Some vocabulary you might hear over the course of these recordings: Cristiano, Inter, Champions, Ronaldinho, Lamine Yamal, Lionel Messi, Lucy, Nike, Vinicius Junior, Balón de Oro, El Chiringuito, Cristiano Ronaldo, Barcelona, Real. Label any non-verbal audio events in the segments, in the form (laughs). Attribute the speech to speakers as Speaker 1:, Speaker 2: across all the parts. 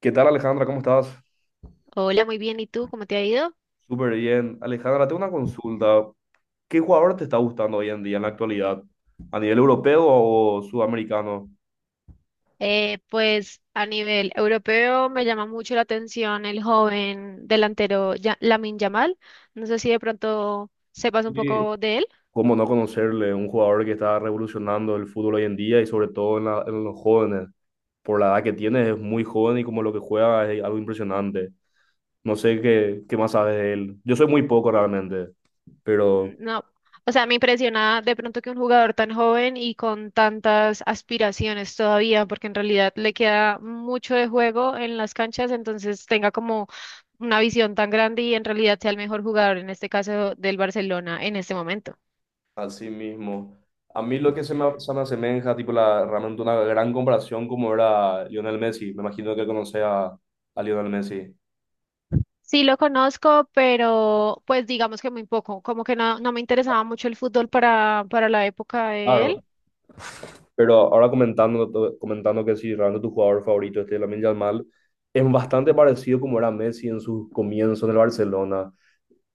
Speaker 1: ¿Qué tal, Alejandra? ¿Cómo estás?
Speaker 2: Hola, muy bien. ¿Y tú? ¿Cómo te ha ido?
Speaker 1: Súper bien. Alejandra, tengo una consulta. ¿Qué jugador te está gustando hoy en día, en la actualidad? ¿A nivel europeo o sudamericano?
Speaker 2: Pues a nivel europeo me llama mucho la atención el joven delantero Lamine Yamal. No sé si de pronto sepas un
Speaker 1: Sí.
Speaker 2: poco de él.
Speaker 1: ¿Cómo no conocerle? Un jugador que está revolucionando el fútbol hoy en día y sobre todo en los jóvenes. Por la edad que tiene, es muy joven y como lo que juega es algo impresionante. No sé qué más sabes de él. Yo soy muy poco realmente, pero...
Speaker 2: Mm, no. O sea, me impresiona de pronto que un jugador tan joven y con tantas aspiraciones todavía, porque en realidad le queda mucho de juego en las canchas, entonces tenga como una visión tan grande y en realidad sea el mejor jugador, en este caso del Barcelona, en este momento.
Speaker 1: Así mismo. A mí lo que se me asemeja, tipo, realmente una gran comparación como era Lionel Messi. Me imagino que conoce a Lionel Messi.
Speaker 2: Sí lo conozco, pero pues digamos que muy poco, como que no, no me interesaba mucho el fútbol para la época de él.
Speaker 1: Claro. Pero ahora comentando que sí, realmente tu jugador favorito, este Lamine Yamal, es bastante parecido como era Messi en sus comienzos en el Barcelona.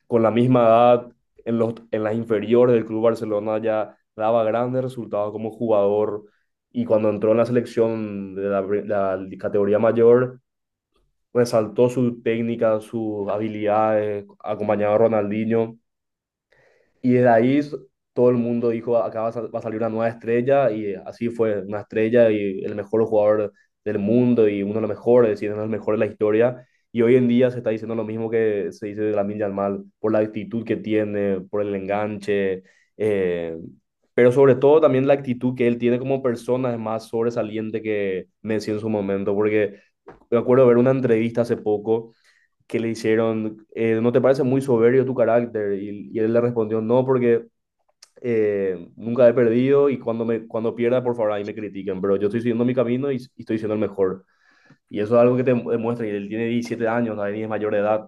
Speaker 1: Con la misma edad, en las inferiores del Club Barcelona ya daba grandes resultados como jugador. Y cuando entró en la selección de la categoría mayor resaltó su técnica, sus habilidades, acompañado a Ronaldinho. Y desde ahí todo el mundo dijo, acá va a salir una nueva estrella, y así fue, una estrella y el mejor jugador del mundo y uno de los mejores, y uno de los mejores de la historia. Y hoy en día se está diciendo lo mismo que se dice de Lamine Yamal, por la actitud que tiene, por el enganche, eh, pero sobre todo también la actitud que él tiene como persona es más sobresaliente que Messi en su momento, porque me acuerdo de ver una entrevista hace poco que le hicieron, ¿no te parece muy soberbio tu carácter? Y él le respondió, no, porque nunca he perdido y cuando pierda, por favor, ahí me critiquen, pero yo estoy siguiendo mi camino y estoy siendo el mejor. Y eso es algo que te demuestra, y él tiene 17 años, nadie es mayor de edad.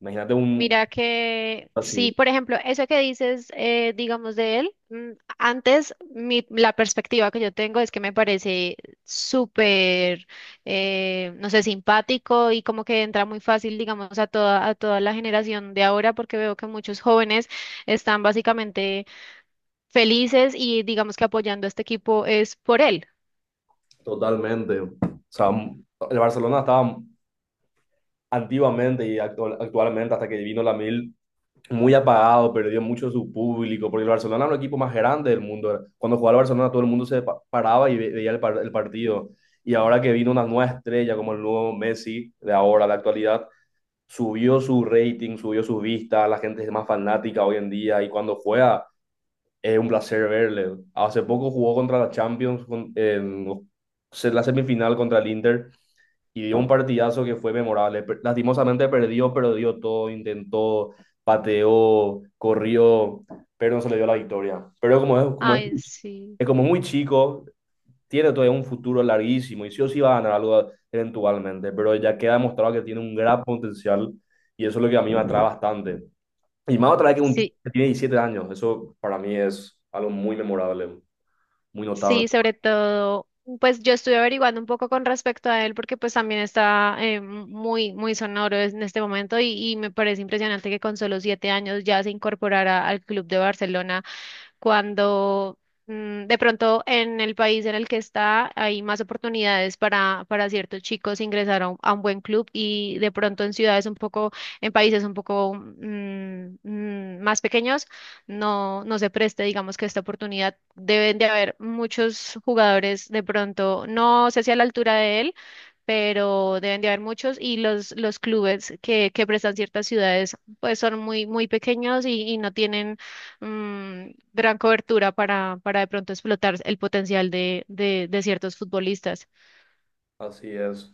Speaker 1: Imagínate un...
Speaker 2: Mira que sí,
Speaker 1: Así,
Speaker 2: por ejemplo, eso que dices, digamos, de él, antes la perspectiva que yo tengo es que me parece súper, no sé, simpático y como que entra muy fácil, digamos, a toda la generación de ahora, porque veo que muchos jóvenes están básicamente felices y digamos que apoyando a este equipo es por él.
Speaker 1: totalmente. O sea, el Barcelona estaba antiguamente y actualmente, hasta que vino la mil, muy apagado, perdió mucho su público, porque el Barcelona era un equipo más grande del mundo. Cuando jugaba el Barcelona todo el mundo se paraba y veía el partido. Y ahora que vino una nueva estrella como el nuevo Messi de ahora, de la actualidad, subió su rating, subió sus vistas, la gente es más fanática hoy en día y cuando juega es un placer verle. Hace poco jugó contra la Champions en la semifinal contra el Inter y dio un partidazo que fue memorable. Lastimosamente perdió, pero dio todo, intentó, pateó, corrió, pero no se le dio la victoria. Pero
Speaker 2: Ay, sí,
Speaker 1: es como muy chico, tiene todavía un futuro larguísimo y sí o sí va a ganar algo eventualmente, pero ya queda demostrado que tiene un gran potencial y eso es lo que a mí me atrae bastante. Y más otra vez que, un, t-
Speaker 2: sí,
Speaker 1: que tiene 17 años, eso para mí es algo muy memorable, muy notable.
Speaker 2: sí, sobre todo, pues yo estuve averiguando un poco con respecto a él porque pues también está muy, muy sonoro en este momento y me parece impresionante que con solo 7 años ya se incorporara al Club de Barcelona cuando de pronto en el país en el que está hay más oportunidades para ciertos chicos ingresar a a un buen club y de pronto en ciudades un poco, en países un poco más pequeños, no, no se preste, digamos que esta oportunidad. Deben de haber muchos jugadores de pronto, no sé si a la altura de él, pero deben de haber muchos y los clubes que prestan ciertas ciudades pues son muy, muy pequeños y no tienen gran cobertura para de pronto explotar el potencial de ciertos futbolistas.
Speaker 1: Así es.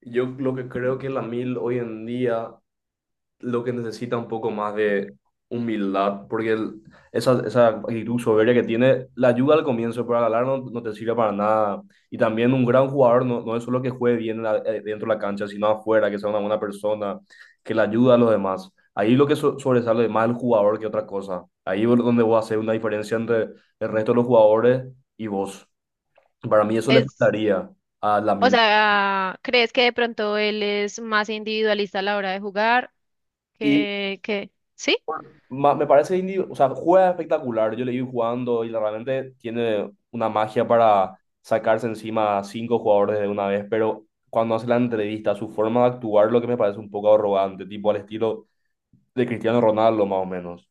Speaker 1: Yo lo que creo que la mil hoy en día lo que necesita un poco más de humildad, porque esa actitud soberbia que tiene, la ayuda al comienzo, pero al ganar no te sirve para nada. Y también un gran jugador no es solo que juegue bien en dentro de la cancha, sino afuera, que sea una buena persona, que le ayuda a los demás. Ahí lo que sobresale más el jugador que otra cosa. Ahí es donde voy a hacer una diferencia entre el resto de los jugadores y vos. Para mí eso le
Speaker 2: Es,
Speaker 1: faltaría a la
Speaker 2: o
Speaker 1: Mila.
Speaker 2: sea, ¿crees que de pronto él es más individualista a la hora de jugar? ¿Sí?
Speaker 1: Me parece, o sea, juega espectacular. Yo le vi jugando y realmente tiene una magia para sacarse encima a cinco jugadores de una vez, pero cuando hace la entrevista, su forma de actuar, lo que me parece un poco arrogante, tipo al estilo de Cristiano Ronaldo, más o menos.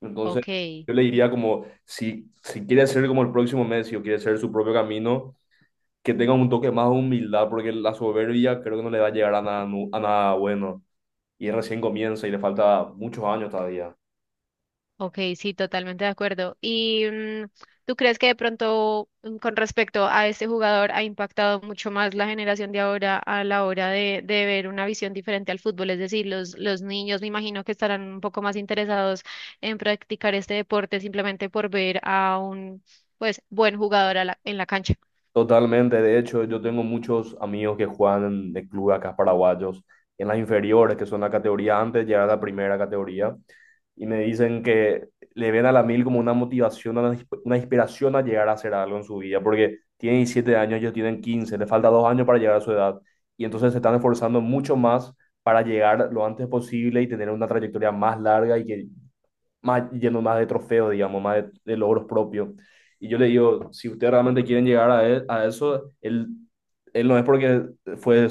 Speaker 1: Entonces,
Speaker 2: Ok.
Speaker 1: yo le diría como, si quiere ser como el próximo Messi o quiere ser su propio camino, que tenga un toque más de humildad, porque la soberbia creo que no le va a llegar a nada, a nada bueno. Y recién comienza y le falta muchos años todavía.
Speaker 2: Ok, sí, totalmente de acuerdo. ¿Y tú crees que de pronto con respecto a este jugador ha impactado mucho más la generación de ahora a la hora de ver una visión diferente al fútbol? Es decir, los niños me imagino que estarán un poco más interesados en practicar este deporte simplemente por ver a un pues buen jugador en la cancha.
Speaker 1: Totalmente, de hecho, yo tengo muchos amigos que juegan de club acá, paraguayos, en las inferiores, que son la categoría antes de llegar a la primera categoría, y me dicen que le ven a la mil como una motivación, una inspiración a llegar a hacer algo en su vida, porque tienen 17 años, ellos tienen 15, les falta 2 años para llegar a su edad, y entonces se están esforzando mucho más para llegar lo antes posible y tener una trayectoria más larga y que más, yendo más de trofeos, digamos, más de logros propios. Y yo le digo, si ustedes realmente quieren llegar a eso, él no es porque fue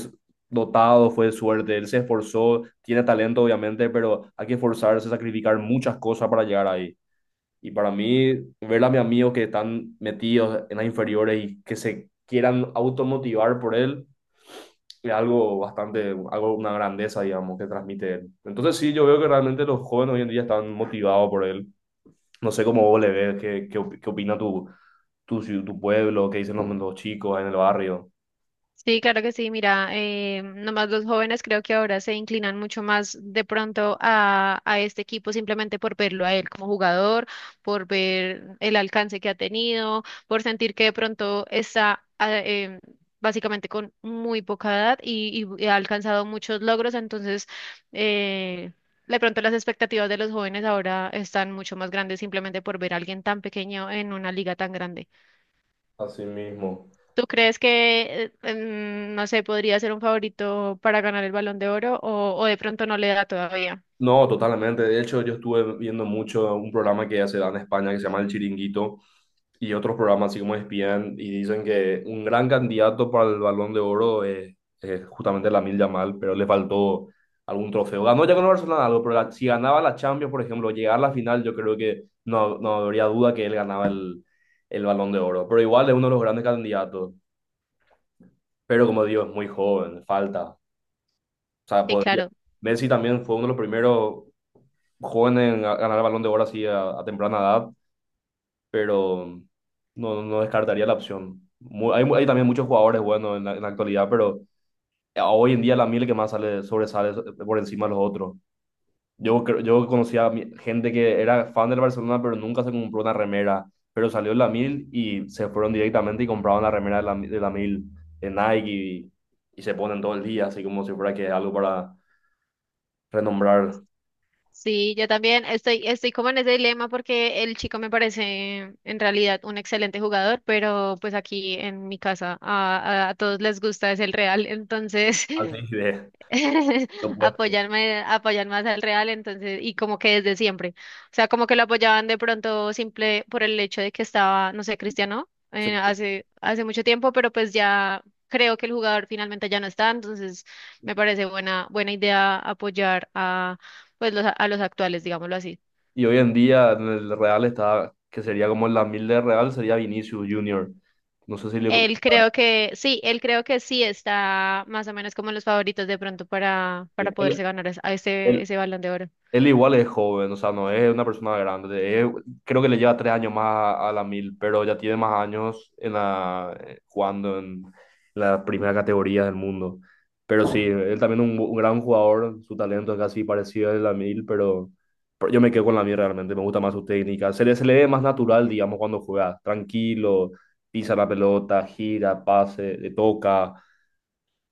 Speaker 1: dotado, fue de suerte, él se esforzó, tiene talento obviamente, pero hay que esforzarse, sacrificar muchas cosas para llegar ahí. Y para mí, ver a mis amigos que están metidos en las inferiores y que se quieran automotivar por él, es algo bastante, algo, una grandeza, digamos, que transmite él. Entonces sí, yo veo que realmente los jóvenes hoy en día están motivados por él. No sé cómo vos le ves, qué opina tu pueblo, qué dicen los chicos ahí en el barrio.
Speaker 2: Sí, claro que sí. Mira, nomás los jóvenes creo que ahora se inclinan mucho más de pronto a este equipo simplemente por verlo a él como jugador, por ver el alcance que ha tenido, por sentir que de pronto está básicamente con muy poca edad y ha alcanzado muchos logros. Entonces, eh, de pronto las expectativas de los jóvenes ahora están mucho más grandes simplemente por ver a alguien tan pequeño en una liga tan grande.
Speaker 1: Así mismo.
Speaker 2: ¿Tú crees que, no sé, podría ser un favorito para ganar el Balón de Oro o de pronto no le da todavía?
Speaker 1: No, totalmente. De hecho, yo estuve viendo mucho un programa que se da en España que se llama El Chiringuito y otros programas así como ESPN, y dicen que un gran candidato para el Balón de Oro es justamente Lamine Yamal, pero le faltó algún trofeo. Ganó ya con el Barcelona algo, pero si ganaba la Champions, por ejemplo, llegar a la final, yo creo que no habría duda que él ganaba el Balón de Oro. Pero igual es uno de los grandes candidatos. Pero como digo, es muy joven, falta. O sea,
Speaker 2: Sí,
Speaker 1: podría.
Speaker 2: claro.
Speaker 1: Messi también fue uno de los primeros joven ganar el Balón de Oro así a temprana edad, pero no descartaría la opción. Hay también muchos jugadores buenos en la actualidad, pero hoy en día la Mil que más sobresale por encima de los otros. Yo conocía a gente que era fan del Barcelona, pero nunca se compró una remera, pero salió la Mil y se fueron directamente y compraban la remera de la Mil de Nike, y se ponen todo el día, así como si fuera que es algo para renombrar.
Speaker 2: Sí, yo también estoy como en ese dilema porque el chico me parece en realidad un excelente jugador, pero pues aquí en mi casa a todos les gusta es el Real, entonces
Speaker 1: Así
Speaker 2: (laughs)
Speaker 1: de lo
Speaker 2: (laughs)
Speaker 1: puesto.
Speaker 2: apoyar más al Real, entonces, y como que desde siempre. O sea, como que lo apoyaban de pronto simple por el hecho de que estaba, no sé, Cristiano,
Speaker 1: Sí.
Speaker 2: hace mucho tiempo, pero pues ya creo que el jugador finalmente ya no está, entonces me parece buena idea apoyar a, pues, a los actuales, digámoslo así.
Speaker 1: Y hoy en día en el Real está, que sería como la mil de Real, sería Vinicius Junior. No sé si le...
Speaker 2: Él creo que, sí, él creo que sí está más o menos como en los favoritos de pronto para
Speaker 1: Él,
Speaker 2: poderse ganar
Speaker 1: él,
Speaker 2: ese balón de oro.
Speaker 1: Él igual es joven, o sea, no es una persona grande. Creo que le lleva 3 años más a la mil, pero ya tiene más años en jugando en la primera categoría del mundo. Pero sí, él también un, gran jugador, su talento es casi parecido al de la mil, pero yo me quedo con la mil realmente, me gusta más su técnica. Se le ve más natural, digamos, cuando juega, tranquilo, pisa la pelota, gira, pase, le toca,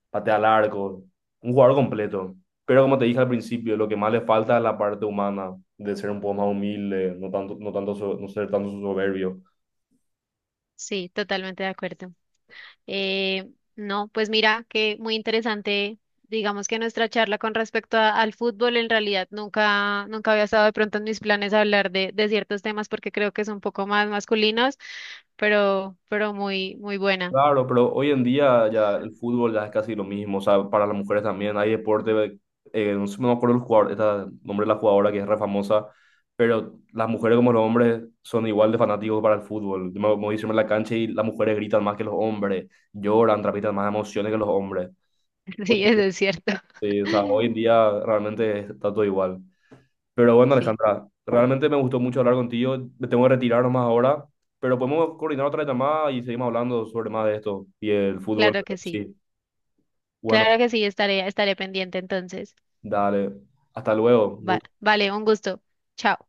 Speaker 1: patea al arco, un jugador completo. Pero como te dije al principio, lo que más le falta es la parte humana, de ser un poco más humilde, no tanto, no tanto, no ser tanto soberbio.
Speaker 2: Sí, totalmente de acuerdo. No, pues mira, que muy interesante, digamos que nuestra charla con respecto al fútbol, en realidad nunca, nunca había estado de pronto en mis planes hablar de ciertos temas porque creo que son un poco más masculinos, pero muy, muy buena.
Speaker 1: Claro, pero hoy en día ya el fútbol ya es casi lo mismo, o sea, para las mujeres también hay deporte, no sé, no me acuerdo el jugador, esta nombre de la jugadora que es re famosa, pero las mujeres como los hombres son igual de fanáticos para el fútbol. Yo me voy a la cancha y las mujeres gritan más que los hombres, lloran, transmiten más emociones que los hombres.
Speaker 2: (laughs) Sí, eso es cierto.
Speaker 1: Sí, o sea, hoy en
Speaker 2: (laughs)
Speaker 1: día realmente está todo igual. Pero bueno,
Speaker 2: Sí,
Speaker 1: Alejandra, realmente me gustó mucho hablar contigo. Me tengo que retirar nomás ahora, pero podemos coordinar otra llamada y seguimos hablando sobre más de esto y el fútbol.
Speaker 2: claro que sí.
Speaker 1: Sí, bueno,
Speaker 2: Claro que sí, estaré, estaré pendiente entonces.
Speaker 1: dale. Hasta luego.
Speaker 2: Vale, un gusto. Chao.